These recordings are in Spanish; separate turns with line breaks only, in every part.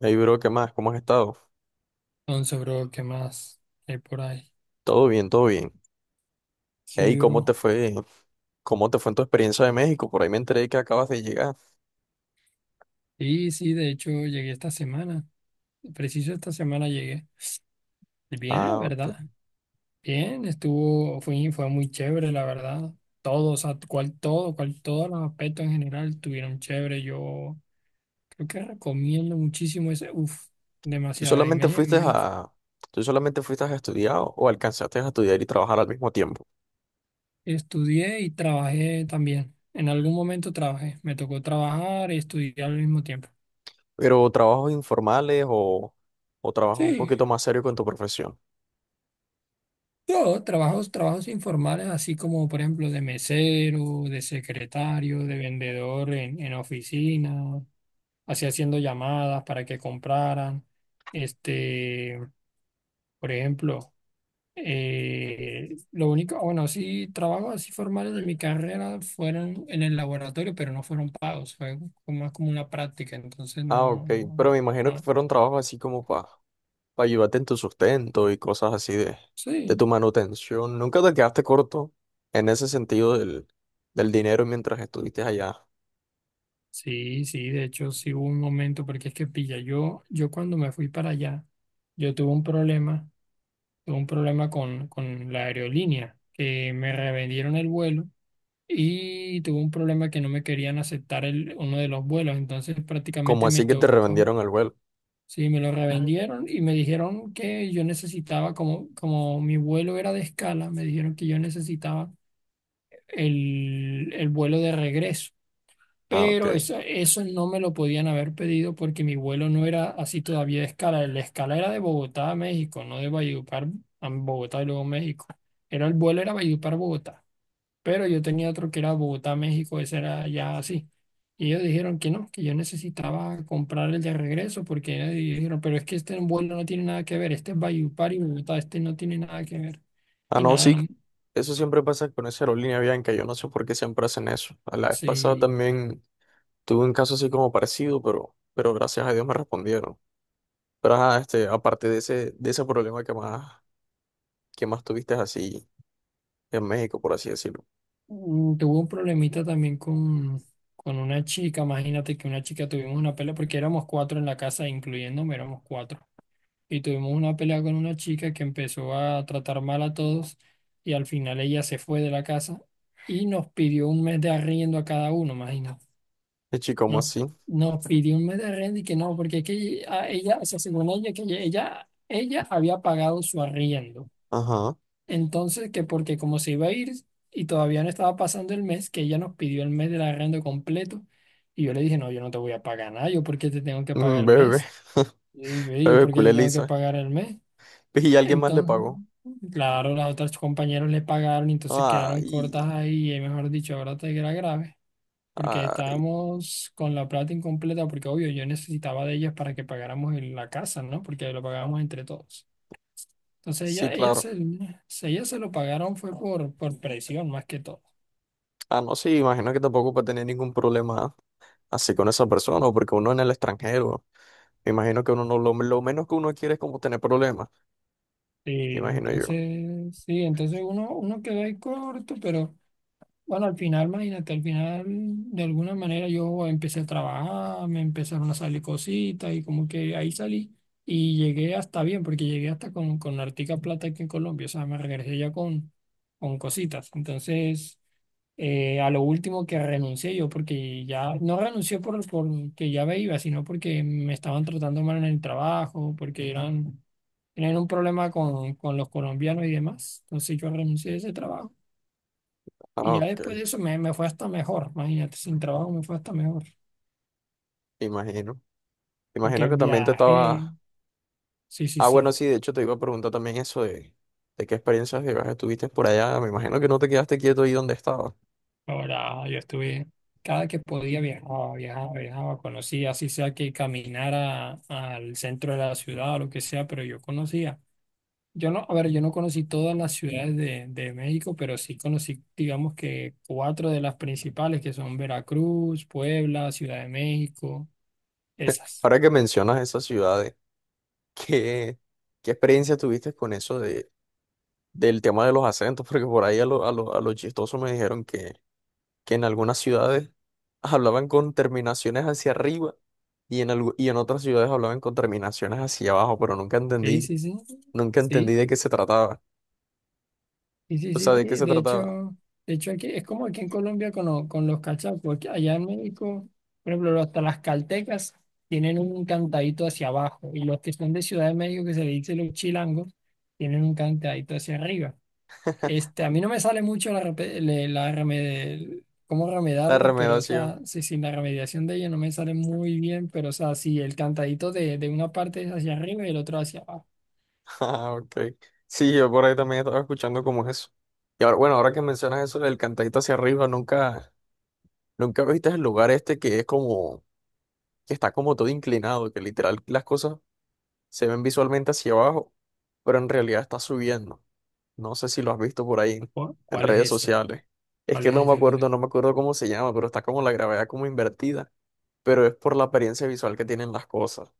Hey, bro, ¿qué más? ¿Cómo has estado?
Entonces, bro, ¿qué más hay por ahí?
Todo bien, todo bien. Hey,
Sí, bro.
¿Cómo te fue en tu experiencia de México? Por ahí me enteré que acabas de llegar.
Sí, sí, de hecho llegué esta semana. Preciso esta semana llegué. Y bien, la
Ah, ok.
verdad. Bien, estuvo, fue muy chévere, la verdad. O sea, todos los aspectos en general estuvieron chévere. Yo creo que recomiendo muchísimo ese, uff,
¿Tú
demasiado. Y
solamente
me,
fuiste
me
a, ¿Tú solamente fuiste a estudiar o alcanzaste a estudiar y trabajar al mismo tiempo?
Estudié y trabajé también. En algún momento trabajé. Me tocó trabajar y estudiar al mismo tiempo.
Pero trabajos informales o trabajos un
Sí.
poquito más serios con tu profesión.
Trabajos informales, así como por ejemplo de mesero, de secretario, de vendedor en oficina, así haciendo llamadas para que compraran. Este, por ejemplo, lo único, bueno, sí, trabajos así formales de mi carrera fueron en el laboratorio, pero no fueron pagos, fue más como una práctica, entonces
Ah,
no,
ok.
no,
Pero me imagino que
no,
fueron trabajos así como para ayudarte en tu sustento y cosas así de tu
sí.
manutención. ¿Nunca te quedaste corto en ese sentido del dinero mientras estuviste allá?
Sí, sí, de hecho sí hubo un momento, porque es que pilla, yo cuando me fui para allá, yo tuve un problema con la aerolínea, que me revendieron el vuelo y tuve un problema que no me querían aceptar uno de los vuelos, entonces
Como
prácticamente me
así que te
tocó,
revendieron el vuelo.
sí, me lo revendieron y me dijeron que yo necesitaba, como mi vuelo era de escala, me dijeron que yo necesitaba el vuelo de regreso.
Ah, ok.
Pero eso no me lo podían haber pedido porque mi vuelo no era así todavía de escala. La escala era de Bogotá a México, no de Valledupar a Bogotá y luego México. Era El vuelo era Valledupar-Bogotá. Pero yo tenía otro que era Bogotá-México, ese era ya así. Y ellos dijeron que no, que yo necesitaba comprar el de regreso porque ellos dijeron, pero es que este vuelo no tiene nada que ver, este es Valledupar y Bogotá, este no tiene nada que ver.
Ah,
Y
no,
nada,
sí,
no,
eso siempre pasa con esa aerolínea Bianca. Yo no sé por qué siempre hacen eso. A la vez pasada
sí.
también tuve un caso así como parecido, pero gracias a Dios me respondieron. Pero ajá, aparte de ese problema que más tuviste así en México, por así decirlo.
Tuvo un problemita también con una chica, imagínate que una chica tuvimos una pelea, porque éramos cuatro en la casa, incluyéndome, éramos cuatro. Y tuvimos una pelea con una chica que empezó a tratar mal a todos y al final ella se fue de la casa y nos pidió un mes de arriendo a cada uno, imagínate.
Y chico, ¿cómo
Nos,
así?
nos pidió un mes de arriendo y que no, porque es que o sea, según ella, que ella había pagado su arriendo
Ajá.
entonces, que porque como se iba a ir y todavía no estaba pasando el mes, que ella nos pidió el mes del arrendo completo. Y yo le dije, no, yo no te voy a pagar nada, yo por qué te tengo que
Mm,
pagar el
bebe,
mes. Y ve, yo
bebe,
por qué
culé
te tengo que
lisa.
pagar el mes.
Pues, y alguien más le
Entonces,
pagó.
claro, las otras compañeros le pagaron y entonces quedaron cortas
Ay,
ahí. Y mejor dicho, ahora te era grave. Porque
ay,
estábamos con la plata incompleta, porque obvio, yo necesitaba de ellas para que pagáramos en la casa, ¿no? Porque lo pagábamos entre todos. Entonces
sí, claro.
ella se lo pagaron fue por presión más que todo.
Ah, no, sí, imagino que tampoco puede tener ningún problema así con esa persona, porque uno en el extranjero, me imagino que uno no, lo menos que uno quiere es como tener problemas,
Sí,
imagino yo.
entonces uno quedó ahí corto, pero bueno, al final, imagínate, al final de alguna manera yo empecé a trabajar, me empezaron a salir cositas y como que ahí salí y llegué hasta bien, porque llegué hasta con hartica plata aquí en Colombia, o sea, me regresé ya con cositas. Entonces, a lo último que renuncié yo, porque ya no renuncié por que ya me iba, sino porque me estaban tratando mal en el trabajo, porque tenían un problema con los colombianos y demás. Entonces yo renuncié a ese trabajo. Y
Ah,
ya
ok,
después de eso me fue hasta mejor, imagínate, sin trabajo me fue hasta mejor,
imagino.
porque
Imagino que también te estabas.
viajé, sí, sí,
Ah,
sí.
bueno, sí, de hecho te iba a preguntar también eso de qué experiencias de viaje tuviste por allá. Me imagino que no te quedaste quieto ahí donde estabas.
Ahora yo estuve, cada que podía viajaba, viajaba, viajaba, conocía, así sea que caminara al centro de la ciudad o lo que sea, pero yo conocía. Yo no, A ver, yo no conocí todas las ciudades de México, pero sí conocí, digamos que cuatro de las principales, que son Veracruz, Puebla, Ciudad de México, esas.
Ahora que mencionas esas ciudades, ¿qué, qué experiencia tuviste con eso de, del tema de los acentos? Porque por ahí a lo chistoso me dijeron que en algunas ciudades hablaban con terminaciones hacia arriba. Y en otras ciudades hablaban con terminaciones hacia abajo, pero nunca
Sí,
entendí,
sí, sí, sí,
nunca entendí de qué se trataba.
sí, sí,
O
sí,
sea, de qué
sí.
se
De
trataba.
hecho, de hecho aquí es como aquí en Colombia con los cachacos, allá en México, por ejemplo, hasta las caltecas tienen un cantadito hacia abajo y los que son de Ciudad de México, que se le dice los chilangos, tienen un cantadito hacia arriba. Este, a mí no me sale mucho la, repe- le- la remede- cómo
La
remedarlos, pero o
remedación.
sea, sí, sí, la remediación de ella no me sale muy bien, pero o sea, sí, el cantadito de una parte es hacia arriba y el otro hacia abajo.
Ah, ok. Sí, yo por ahí también estaba escuchando como eso. Y ahora, bueno, ahora que mencionas eso del cantadito hacia arriba, nunca viste el lugar este que es como, que está como todo inclinado, que literal las cosas se ven visualmente hacia abajo, pero en realidad está subiendo. No sé si lo has visto por ahí en
¿Cuál es
redes
ese?
sociales. Es
¿Cuál
que no
es
me
ese? ¿Cuál
acuerdo,
es?
no me acuerdo cómo se llama, pero está como la gravedad como invertida, pero es por la apariencia visual que tienen las cosas.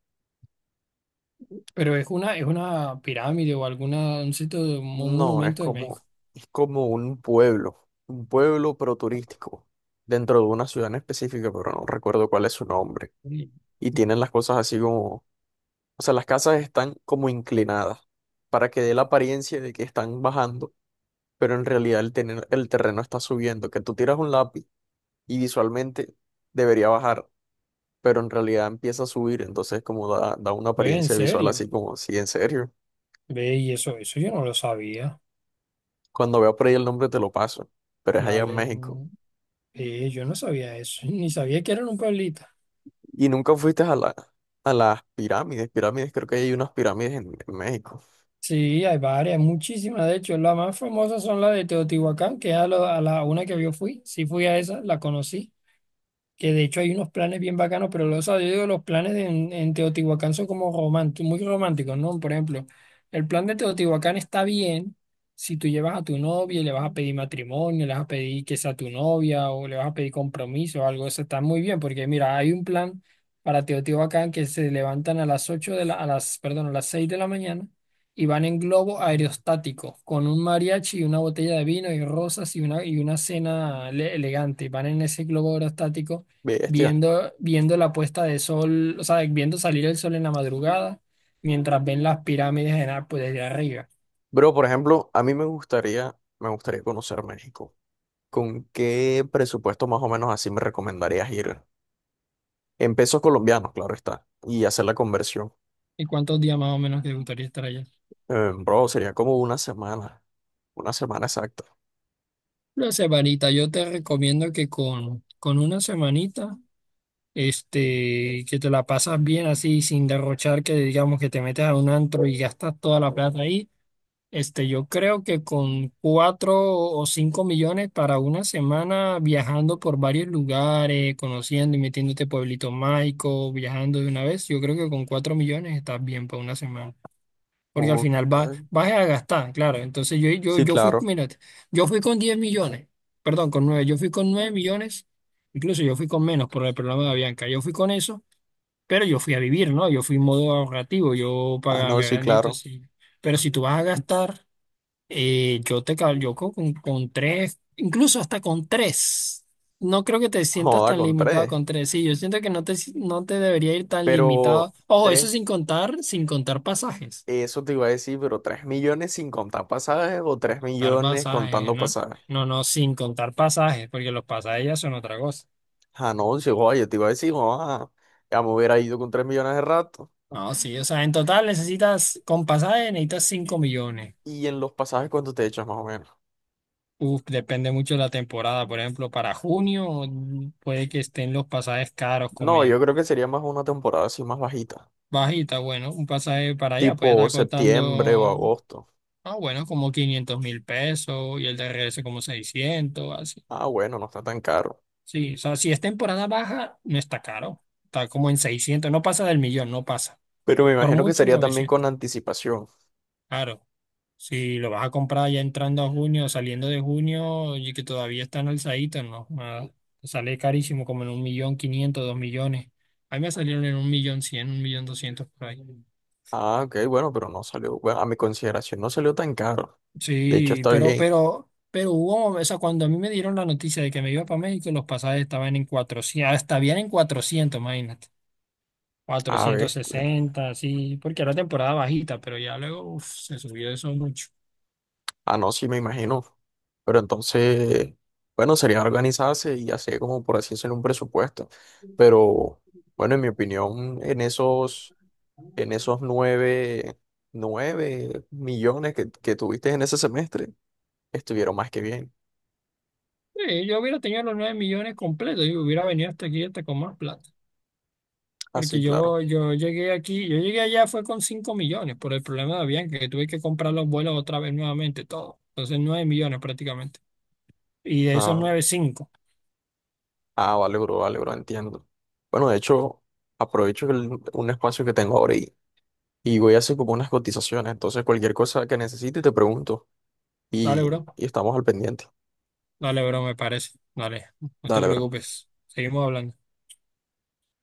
Pero es una pirámide o un sitio, un
No, es
monumento de México.
como, es como un pueblo, pero turístico, dentro de una ciudad en específica, pero no recuerdo cuál es su nombre.
Uy,
Y tienen las cosas así como, o sea, las casas están como inclinadas para que dé la apariencia de que están bajando, pero en realidad el terreno está subiendo, que tú tiras un lápiz y visualmente debería bajar, pero en realidad empieza a subir, entonces como da una
ve, en
apariencia visual
serio.
así como, sí, en serio.
Ve, y eso yo no lo sabía.
Cuando veo por ahí el nombre te lo paso, pero es allá en
Dale.
México.
Ve, yo no sabía eso, ni sabía que era en un pueblito.
Y nunca fuiste a las pirámides, pirámides, creo que hay unas pirámides en México.
Sí, hay varias, muchísimas. De hecho, las más famosas son las de Teotihuacán, que es a la una que yo fui. Sí fui a esa, la conocí, que de hecho hay unos planes bien bacanos, pero los, o yo digo, los planes en Teotihuacán son como románticos, muy románticos, ¿no? Por ejemplo, el plan de Teotihuacán está bien si tú llevas a tu novia y le vas a pedir matrimonio, le vas a pedir que sea tu novia o le vas a pedir compromiso o algo, eso está muy bien, porque mira, hay un plan para Teotihuacán que se levantan a las 8 de la, a las, perdón, a las 6 de la mañana y van en globo aerostático con un mariachi y una botella de vino y rosas y una cena elegante. Van en ese globo aerostático
Bestia.
viendo la puesta de sol, o sea, viendo salir el sol en la madrugada, mientras ven las pirámides en Apple desde arriba.
Bro, por ejemplo, a mí me gustaría conocer México. ¿Con qué presupuesto más o menos así me recomendarías ir? En pesos colombianos, claro está, y hacer la conversión.
¿Y cuántos días más o menos te gustaría estar allá?
Bro, sería como una semana exacta.
Una semanita, yo te recomiendo que con una semanita, este, que te la pasas bien así, sin derrochar, que digamos que te metes a un antro y gastas toda la plata ahí. Este, yo creo que con 4 o 5 millones para una semana viajando por varios lugares, conociendo y metiéndote pueblito mágico, viajando de una vez, yo creo que con 4 millones estás bien para una semana. Porque al
Ok.
final vas a gastar, claro. Entonces yo, yo,
Sí,
yo fui,
claro.
mírate, yo fui con 10 millones, perdón, con nueve, yo fui con 9 millones, incluso yo fui con menos por el programa de Bianca, yo fui con eso, pero yo fui a vivir, ¿no? Yo fui en modo ahorrativo, yo
Ah,
pagaba
no,
mi
sí,
agrandito
claro.
así. Pero si tú vas a gastar, yo te calculo con tres, incluso hasta con tres. No creo que te sientas
Joda
tan
con
limitado
tres.
con tres. Sí, yo siento que no te debería ir tan
Pero
limitado. Ojo, eso
tres,
sin contar pasajes.
eso te iba a decir, pero 3 millones sin contar pasajes o tres
Contar
millones
pasajes,
contando
¿no?
pasajes.
No, no, sin contar pasajes, porque los pasajes ya son otra cosa.
Ah, no, sí, joda, yo te iba a decir, joda, ya me hubiera ido con 3 millones de rato.
No, sí, o sea, en total necesitas, con pasajes necesitas 5 millones.
Y en los pasajes, ¿cuánto te echas más o menos?
Uf, depende mucho de la temporada. Por ejemplo, para junio puede que estén los pasajes caros como
No, yo
en.
creo que sería más una temporada así más bajita,
Bajita, bueno, un pasaje para allá puede
tipo
estar
septiembre o
costando,
agosto.
ah, bueno, como 500.000 pesos y el de regreso como 600 así.
Ah, bueno, no está tan caro.
Sí, o sea, si es temporada baja, no está caro. Está como en 600, no pasa del millón, no pasa.
Pero me
Por
imagino que
mucho
sería también con
900.
anticipación.
Claro, si lo vas a comprar ya entrando a junio, saliendo de junio y que todavía están alzaditos, no, nada. Te sale carísimo, como en 1.500.000, 2 millones. A mí me salieron en 1.100.000, 1.200.000 por ahí.
Ah, ok, bueno, pero no salió, bueno, a mi consideración no salió tan caro. De hecho,
Sí,
está
pero,
bien.
pero, pero hubo, o sea, cuando a mí me dieron la noticia de que me iba para México, los pasajes estaban en 400, hasta habían en 400, imagínate,
Ah,
cuatrocientos
bestia.
sesenta, así, porque era temporada bajita, pero ya luego uf, se subió eso mucho.
Ah, no, sí, me imagino. Pero entonces, bueno, sería organizarse y hacer como por así decirlo un presupuesto. Pero, bueno, en mi opinión, en esos nueve millones que tuviste en ese semestre, estuvieron más que bien.
Sí, yo hubiera tenido los 9 millones completos y hubiera venido hasta aquí hasta con más plata, porque
Así, claro.
yo llegué aquí, yo llegué allá fue con 5 millones por el problema de Avianca, que tuve que comprar los vuelos otra vez nuevamente, todo. Entonces 9 millones prácticamente. Y de esos
Ah,
9 cinco.
ah, vale, bro, entiendo. Bueno, de hecho, aprovecho un espacio que tengo ahora, y voy a hacer como unas cotizaciones. Entonces, cualquier cosa que necesite te pregunto.
Dale,
Y,
bro.
y estamos al pendiente.
Dale, bro, me parece. Dale, no te
Dale, bro.
preocupes. Seguimos hablando.